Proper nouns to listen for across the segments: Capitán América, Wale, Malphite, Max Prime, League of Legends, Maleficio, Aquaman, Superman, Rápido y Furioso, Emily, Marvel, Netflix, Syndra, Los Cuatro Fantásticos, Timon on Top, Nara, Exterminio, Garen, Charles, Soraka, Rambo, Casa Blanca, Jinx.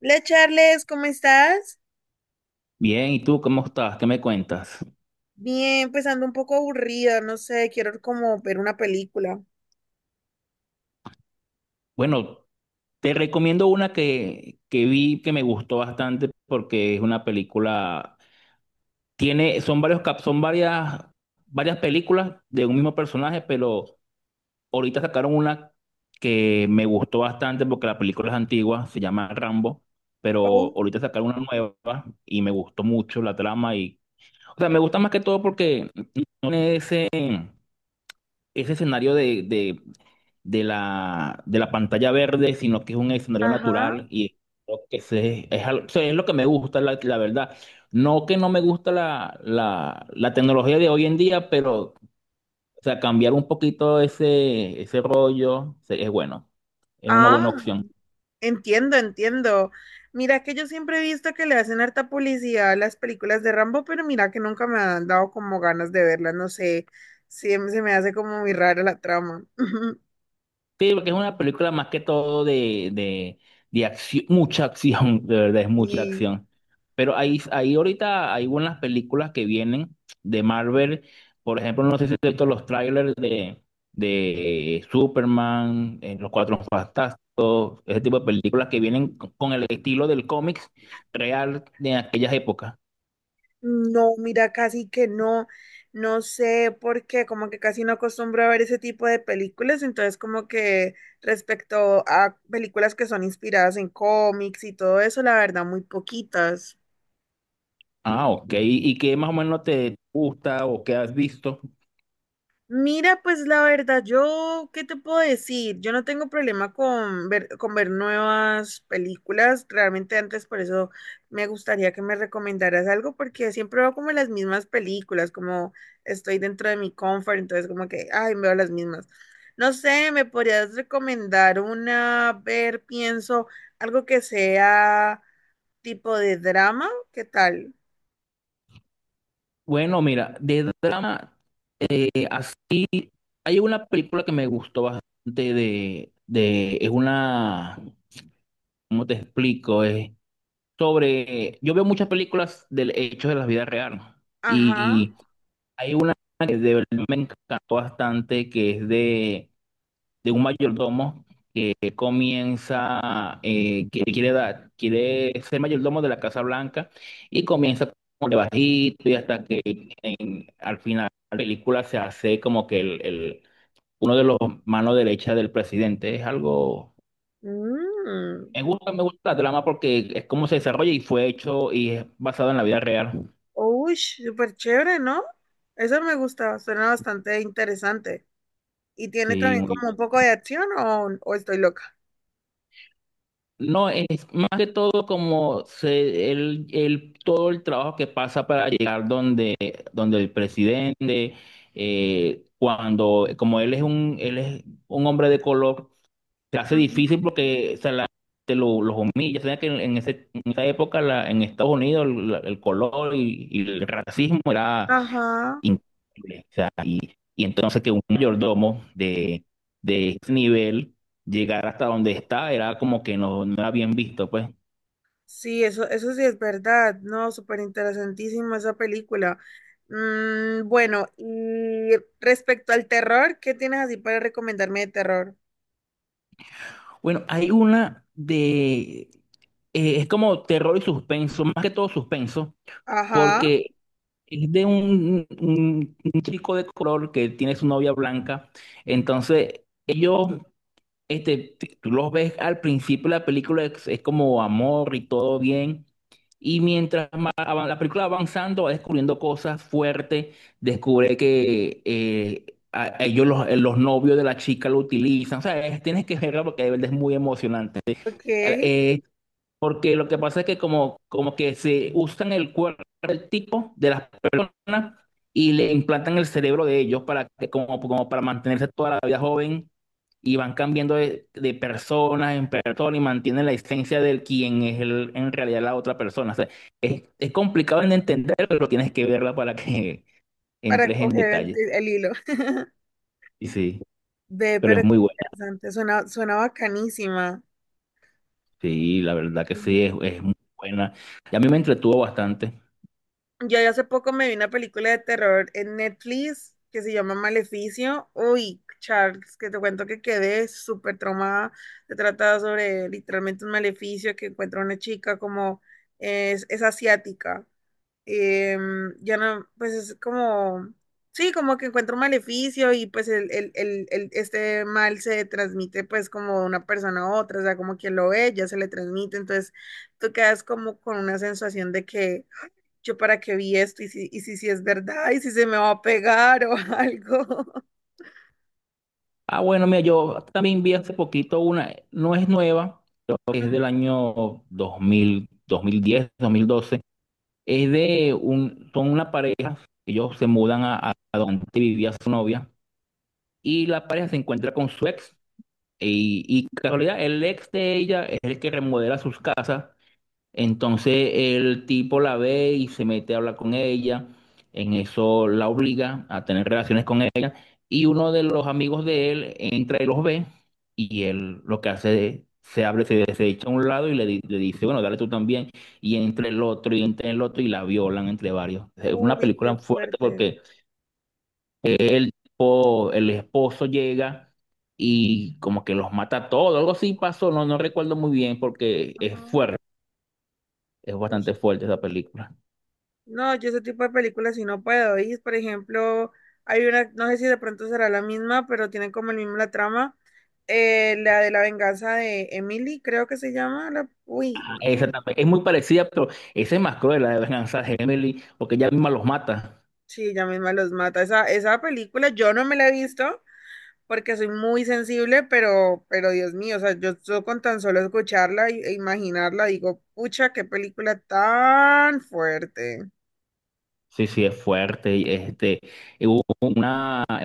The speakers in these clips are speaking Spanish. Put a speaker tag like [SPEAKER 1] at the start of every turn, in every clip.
[SPEAKER 1] Hola Charles, ¿cómo estás?
[SPEAKER 2] Bien, ¿y tú cómo estás? ¿Qué me cuentas?
[SPEAKER 1] Bien, pues ando un poco aburrida, no sé, quiero como ver una película.
[SPEAKER 2] Bueno, te recomiendo una que vi que me gustó bastante porque es una película, tiene, son son varias películas de un mismo personaje, pero ahorita sacaron una que me gustó bastante porque la película es antigua, se llama Rambo, pero
[SPEAKER 1] Oh,
[SPEAKER 2] ahorita sacaron una nueva y me gustó mucho la trama y, o sea, me gusta más que todo porque no tiene ese escenario de de la pantalla verde, sino que es un escenario
[SPEAKER 1] ajá.
[SPEAKER 2] natural y creo que ese es. O sea, es lo que me gusta, la verdad. No que no me gusta la tecnología de hoy en día, pero o sea, cambiar un poquito ese rollo es bueno, es una buena
[SPEAKER 1] Ah,
[SPEAKER 2] opción.
[SPEAKER 1] entiendo, entiendo. Mira que yo siempre he visto que le hacen harta publicidad a las películas de Rambo, pero mira que nunca me han dado como ganas de verlas, no sé, sí, se me hace como muy rara la trama.
[SPEAKER 2] Sí, porque es una película más que todo de acción, mucha acción, de verdad es mucha
[SPEAKER 1] Y
[SPEAKER 2] acción. Pero ahí ahorita hay buenas películas que vienen de Marvel. Por ejemplo, no sé si has visto los trailers de Superman, Los Cuatro Fantásticos, ese tipo de películas que vienen con el estilo del cómics real de aquellas épocas.
[SPEAKER 1] no, mira, casi que no, no sé por qué, como que casi no acostumbro a ver ese tipo de películas, entonces como que respecto a películas que son inspiradas en cómics y todo eso, la verdad, muy poquitas.
[SPEAKER 2] Ah, ok. ¿Y qué más o menos te gusta o qué has visto?
[SPEAKER 1] Mira, pues la verdad, yo, ¿qué te puedo decir? Yo no tengo problema con ver nuevas películas. Realmente antes por eso me gustaría que me recomendaras algo, porque siempre veo como las mismas películas, como estoy dentro de mi comfort, entonces como que, ay, veo las mismas. No sé, ¿me podrías recomendar una? A ver, pienso, algo que sea tipo de drama. ¿Qué tal?
[SPEAKER 2] Bueno, mira, de drama eh, hay una película que me gustó bastante es una, ¿cómo te explico? Es sobre, yo veo muchas películas del hecho de la vida real, ¿no?
[SPEAKER 1] Ajá.
[SPEAKER 2] Y hay una que de verdad me encantó bastante que es de un mayordomo que comienza, que quiere dar, quiere ser mayordomo de la Casa Blanca y comienza como de bajito, y hasta que al final la película se hace como que uno de los manos derechas del presidente. Es algo,
[SPEAKER 1] Mm.
[SPEAKER 2] me gusta la trama porque es cómo se desarrolla y fue hecho y es basado en la vida real.
[SPEAKER 1] Uy, súper chévere, ¿no? Eso me gusta, suena bastante interesante. ¿Y tiene
[SPEAKER 2] Sí,
[SPEAKER 1] también
[SPEAKER 2] muy bien.
[SPEAKER 1] como un poco de acción o estoy loca?
[SPEAKER 2] No, es más que todo como se, todo el trabajo que pasa para llegar donde, donde el presidente, cuando, como él es un hombre de color, se hace
[SPEAKER 1] Ujú.
[SPEAKER 2] difícil porque o sea, la gente los humilla. O sea, que en en esa época en Estados Unidos el color y el racismo era
[SPEAKER 1] Ajá,
[SPEAKER 2] increíble. O sea, y entonces que un mayordomo de ese nivel llegar hasta donde está era como que no, no era bien visto, pues.
[SPEAKER 1] sí, eso sí es verdad, ¿no? Súper interesantísima esa película. Mm, bueno, y respecto al terror, ¿qué tienes así para recomendarme de terror?
[SPEAKER 2] Bueno, hay una de... es como terror y suspenso, más que todo suspenso,
[SPEAKER 1] Ajá,
[SPEAKER 2] porque es de un chico de color que tiene su novia blanca. Entonces, ellos este, tú los ves al principio de la película, es como amor y todo bien. Y mientras la película va avanzando, va descubriendo cosas fuertes. Descubre que ellos, los novios de la chica, lo utilizan. O sea, tienes que verla porque de verdad es muy emocionante.
[SPEAKER 1] ok,
[SPEAKER 2] Eh, porque lo que pasa es que como, como que se usan el cuerpo del tipo de las personas y le implantan el cerebro de ellos para que, como, como para mantenerse toda la vida joven, y van cambiando de personas en persona y mantienen la esencia del quien es el, en realidad la otra persona. O sea, es complicado en entender, pero tienes que verla para que
[SPEAKER 1] para
[SPEAKER 2] entres en
[SPEAKER 1] coger
[SPEAKER 2] detalle.
[SPEAKER 1] el hilo.
[SPEAKER 2] Y sí,
[SPEAKER 1] Ve,
[SPEAKER 2] pero
[SPEAKER 1] pero
[SPEAKER 2] es
[SPEAKER 1] qué
[SPEAKER 2] muy buena.
[SPEAKER 1] interesante, suena, suena bacanísima.
[SPEAKER 2] Sí, la verdad que sí, es muy buena. Y a mí me entretuvo bastante.
[SPEAKER 1] Yo hace poco me vi una película de terror en Netflix que se llama Maleficio. Uy, Charles, que te cuento que quedé súper traumada. Se trata sobre literalmente un maleficio que encuentra una chica como es asiática ya no, pues es como, sí, como que encuentra un maleficio y pues este mal se transmite pues como de una persona a otra, o sea, como quien lo ve, ya se le transmite, entonces tú quedas como con una sensación de que yo para qué vi esto y si, si es verdad y si se me va a pegar o algo.
[SPEAKER 2] Ah, bueno, mira, yo también vi hace poquito una, no es nueva, creo que es del año 2000, 2010, 2012. Es de un, son una pareja, ellos se mudan a donde vivía su novia, y la pareja se encuentra con su ex y casualidad, el ex de ella es el que remodela sus casas. Entonces el tipo la ve y se mete a hablar con ella. En eso la obliga a tener relaciones con él, y uno de los amigos de él entra y los ve, y él lo que hace es, se abre, se echa a un lado y le, le dice, bueno, dale tú también, y entre el otro y entre el otro y la violan entre varios. Es una
[SPEAKER 1] Uy, qué
[SPEAKER 2] película fuerte
[SPEAKER 1] fuerte.
[SPEAKER 2] porque el esposo llega y como que los mata a todos, algo así pasó, no, no recuerdo muy bien porque es
[SPEAKER 1] Ajá.
[SPEAKER 2] fuerte. Es
[SPEAKER 1] Uy.
[SPEAKER 2] bastante fuerte esa película.
[SPEAKER 1] No, yo ese tipo de películas si no puedo ir. Por ejemplo, hay una, no sé si de pronto será la misma, pero tienen como el mismo la trama. La de la venganza de Emily, creo que se llama. Uy,
[SPEAKER 2] Ah,
[SPEAKER 1] no,
[SPEAKER 2] esa también es muy parecida, pero esa es más cruel, la de Venganza de Emily, porque ella misma los mata.
[SPEAKER 1] sí, ella misma los mata. Esa película yo no me la he visto porque soy muy sensible, pero Dios mío, o sea, con tan solo escucharla e imaginarla, digo, pucha, qué película tan fuerte.
[SPEAKER 2] Sí, sí, es fuerte. Y, este, hubo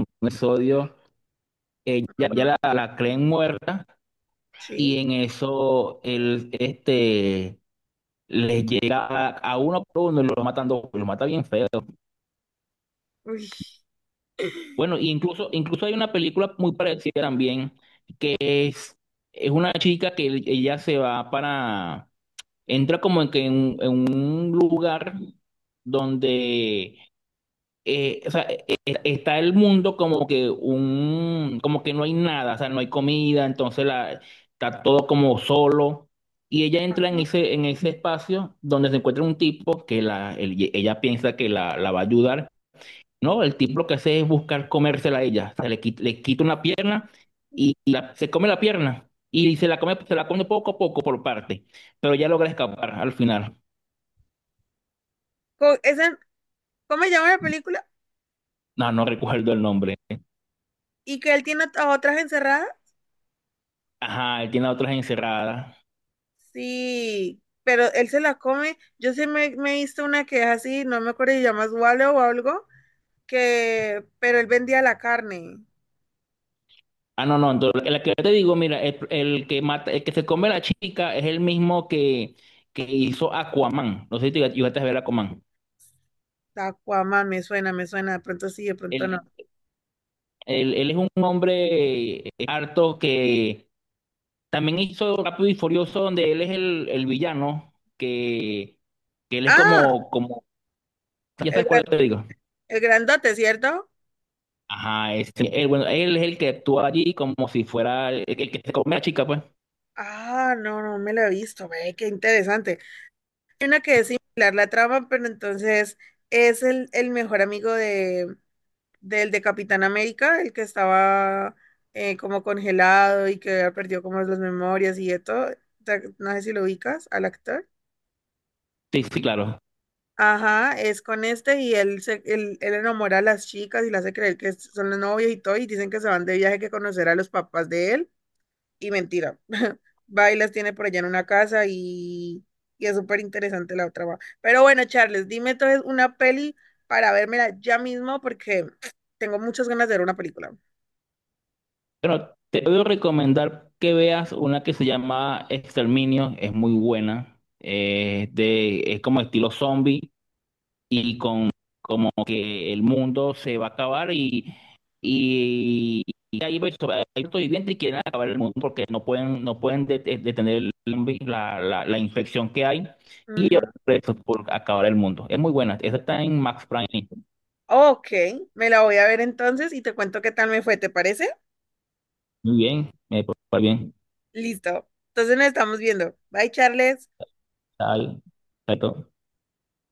[SPEAKER 2] un episodio, ya, ya
[SPEAKER 1] Ujú.
[SPEAKER 2] la creen muerta,
[SPEAKER 1] Sí.
[SPEAKER 2] y en eso el, este, les llega a uno por uno y lo matando, lo mata bien feo.
[SPEAKER 1] Uy.
[SPEAKER 2] Bueno, y incluso hay una película muy parecida también. Es, es una chica que ella se va para, entra como en, en un lugar donde o sea, está el mundo como que un, como que no hay nada, o sea, no hay comida, entonces la, está todo como solo. Y ella entra
[SPEAKER 1] Ajá.
[SPEAKER 2] en ese espacio donde se encuentra un tipo ella piensa que la va a ayudar. No, el tipo lo que hace es buscar comérsela a ella. O sea, le quita una pierna y se come la pierna. Y se la come poco a poco por parte. Pero ya logra escapar al final.
[SPEAKER 1] Co- esa- ¿Cómo se llama la película?
[SPEAKER 2] No, no recuerdo el nombre.
[SPEAKER 1] Y que él tiene a otras encerradas,
[SPEAKER 2] Ajá, él tiene a otras encerradas.
[SPEAKER 1] sí, pero él se las come. Yo sí me hice una que es así, no me acuerdo si llamas Wale o algo, que, pero él vendía la carne.
[SPEAKER 2] Ah, no, no, entonces la que yo te digo, mira, el que mata, el que se come a la chica es el mismo que hizo Aquaman. No sé si te llegaste a ver Aquaman.
[SPEAKER 1] Aquaman, me suena, de pronto sí, de pronto no.
[SPEAKER 2] Él, él es un hombre harto que también hizo Rápido y Furioso, donde él es el villano, que él es
[SPEAKER 1] Ah,
[SPEAKER 2] como, ya
[SPEAKER 1] el,
[SPEAKER 2] sabes cuál te
[SPEAKER 1] gran-
[SPEAKER 2] digo.
[SPEAKER 1] el grandote, ¿cierto?
[SPEAKER 2] Ajá, ese, él, bueno, él es el que actúa allí como si fuera el que se come a la chica, pues.
[SPEAKER 1] Ah, no, no me lo he visto, ve, qué interesante. Hay una que es similar la trama, pero entonces es el mejor amigo de, del de Capitán América, el que estaba como congelado y que había perdido como las memorias y de todo. No sé si lo ubicas al actor.
[SPEAKER 2] Sí, sí, claro.
[SPEAKER 1] Ajá, es con este y él, se, él enamora a las chicas y le hace creer que son los novios y todo y dicen que se van de viaje que conocer a los papás de él y mentira. Va y las tiene por allá en una casa y es súper interesante la otra. Va. Pero bueno, Charles, dime entonces una peli para vérmela ya mismo porque tengo muchas ganas de ver una película.
[SPEAKER 2] Bueno, te puedo recomendar que veas una que se llama Exterminio, es muy buena, de, es como estilo zombie y con como que el mundo se va a acabar y, y hay hay sobrevivientes que quieren acabar el mundo porque no pueden, no pueden detener el zombie, la infección que hay, y ellos
[SPEAKER 1] Ujú.
[SPEAKER 2] presos por acabar el mundo. Es muy buena, esa está en Max Prime,
[SPEAKER 1] Ok, me la voy a ver entonces y te cuento qué tal me fue, ¿te parece?
[SPEAKER 2] muy bien, me parece bien,
[SPEAKER 1] Listo. Entonces nos estamos viendo. Bye, Charles.
[SPEAKER 2] está ahí,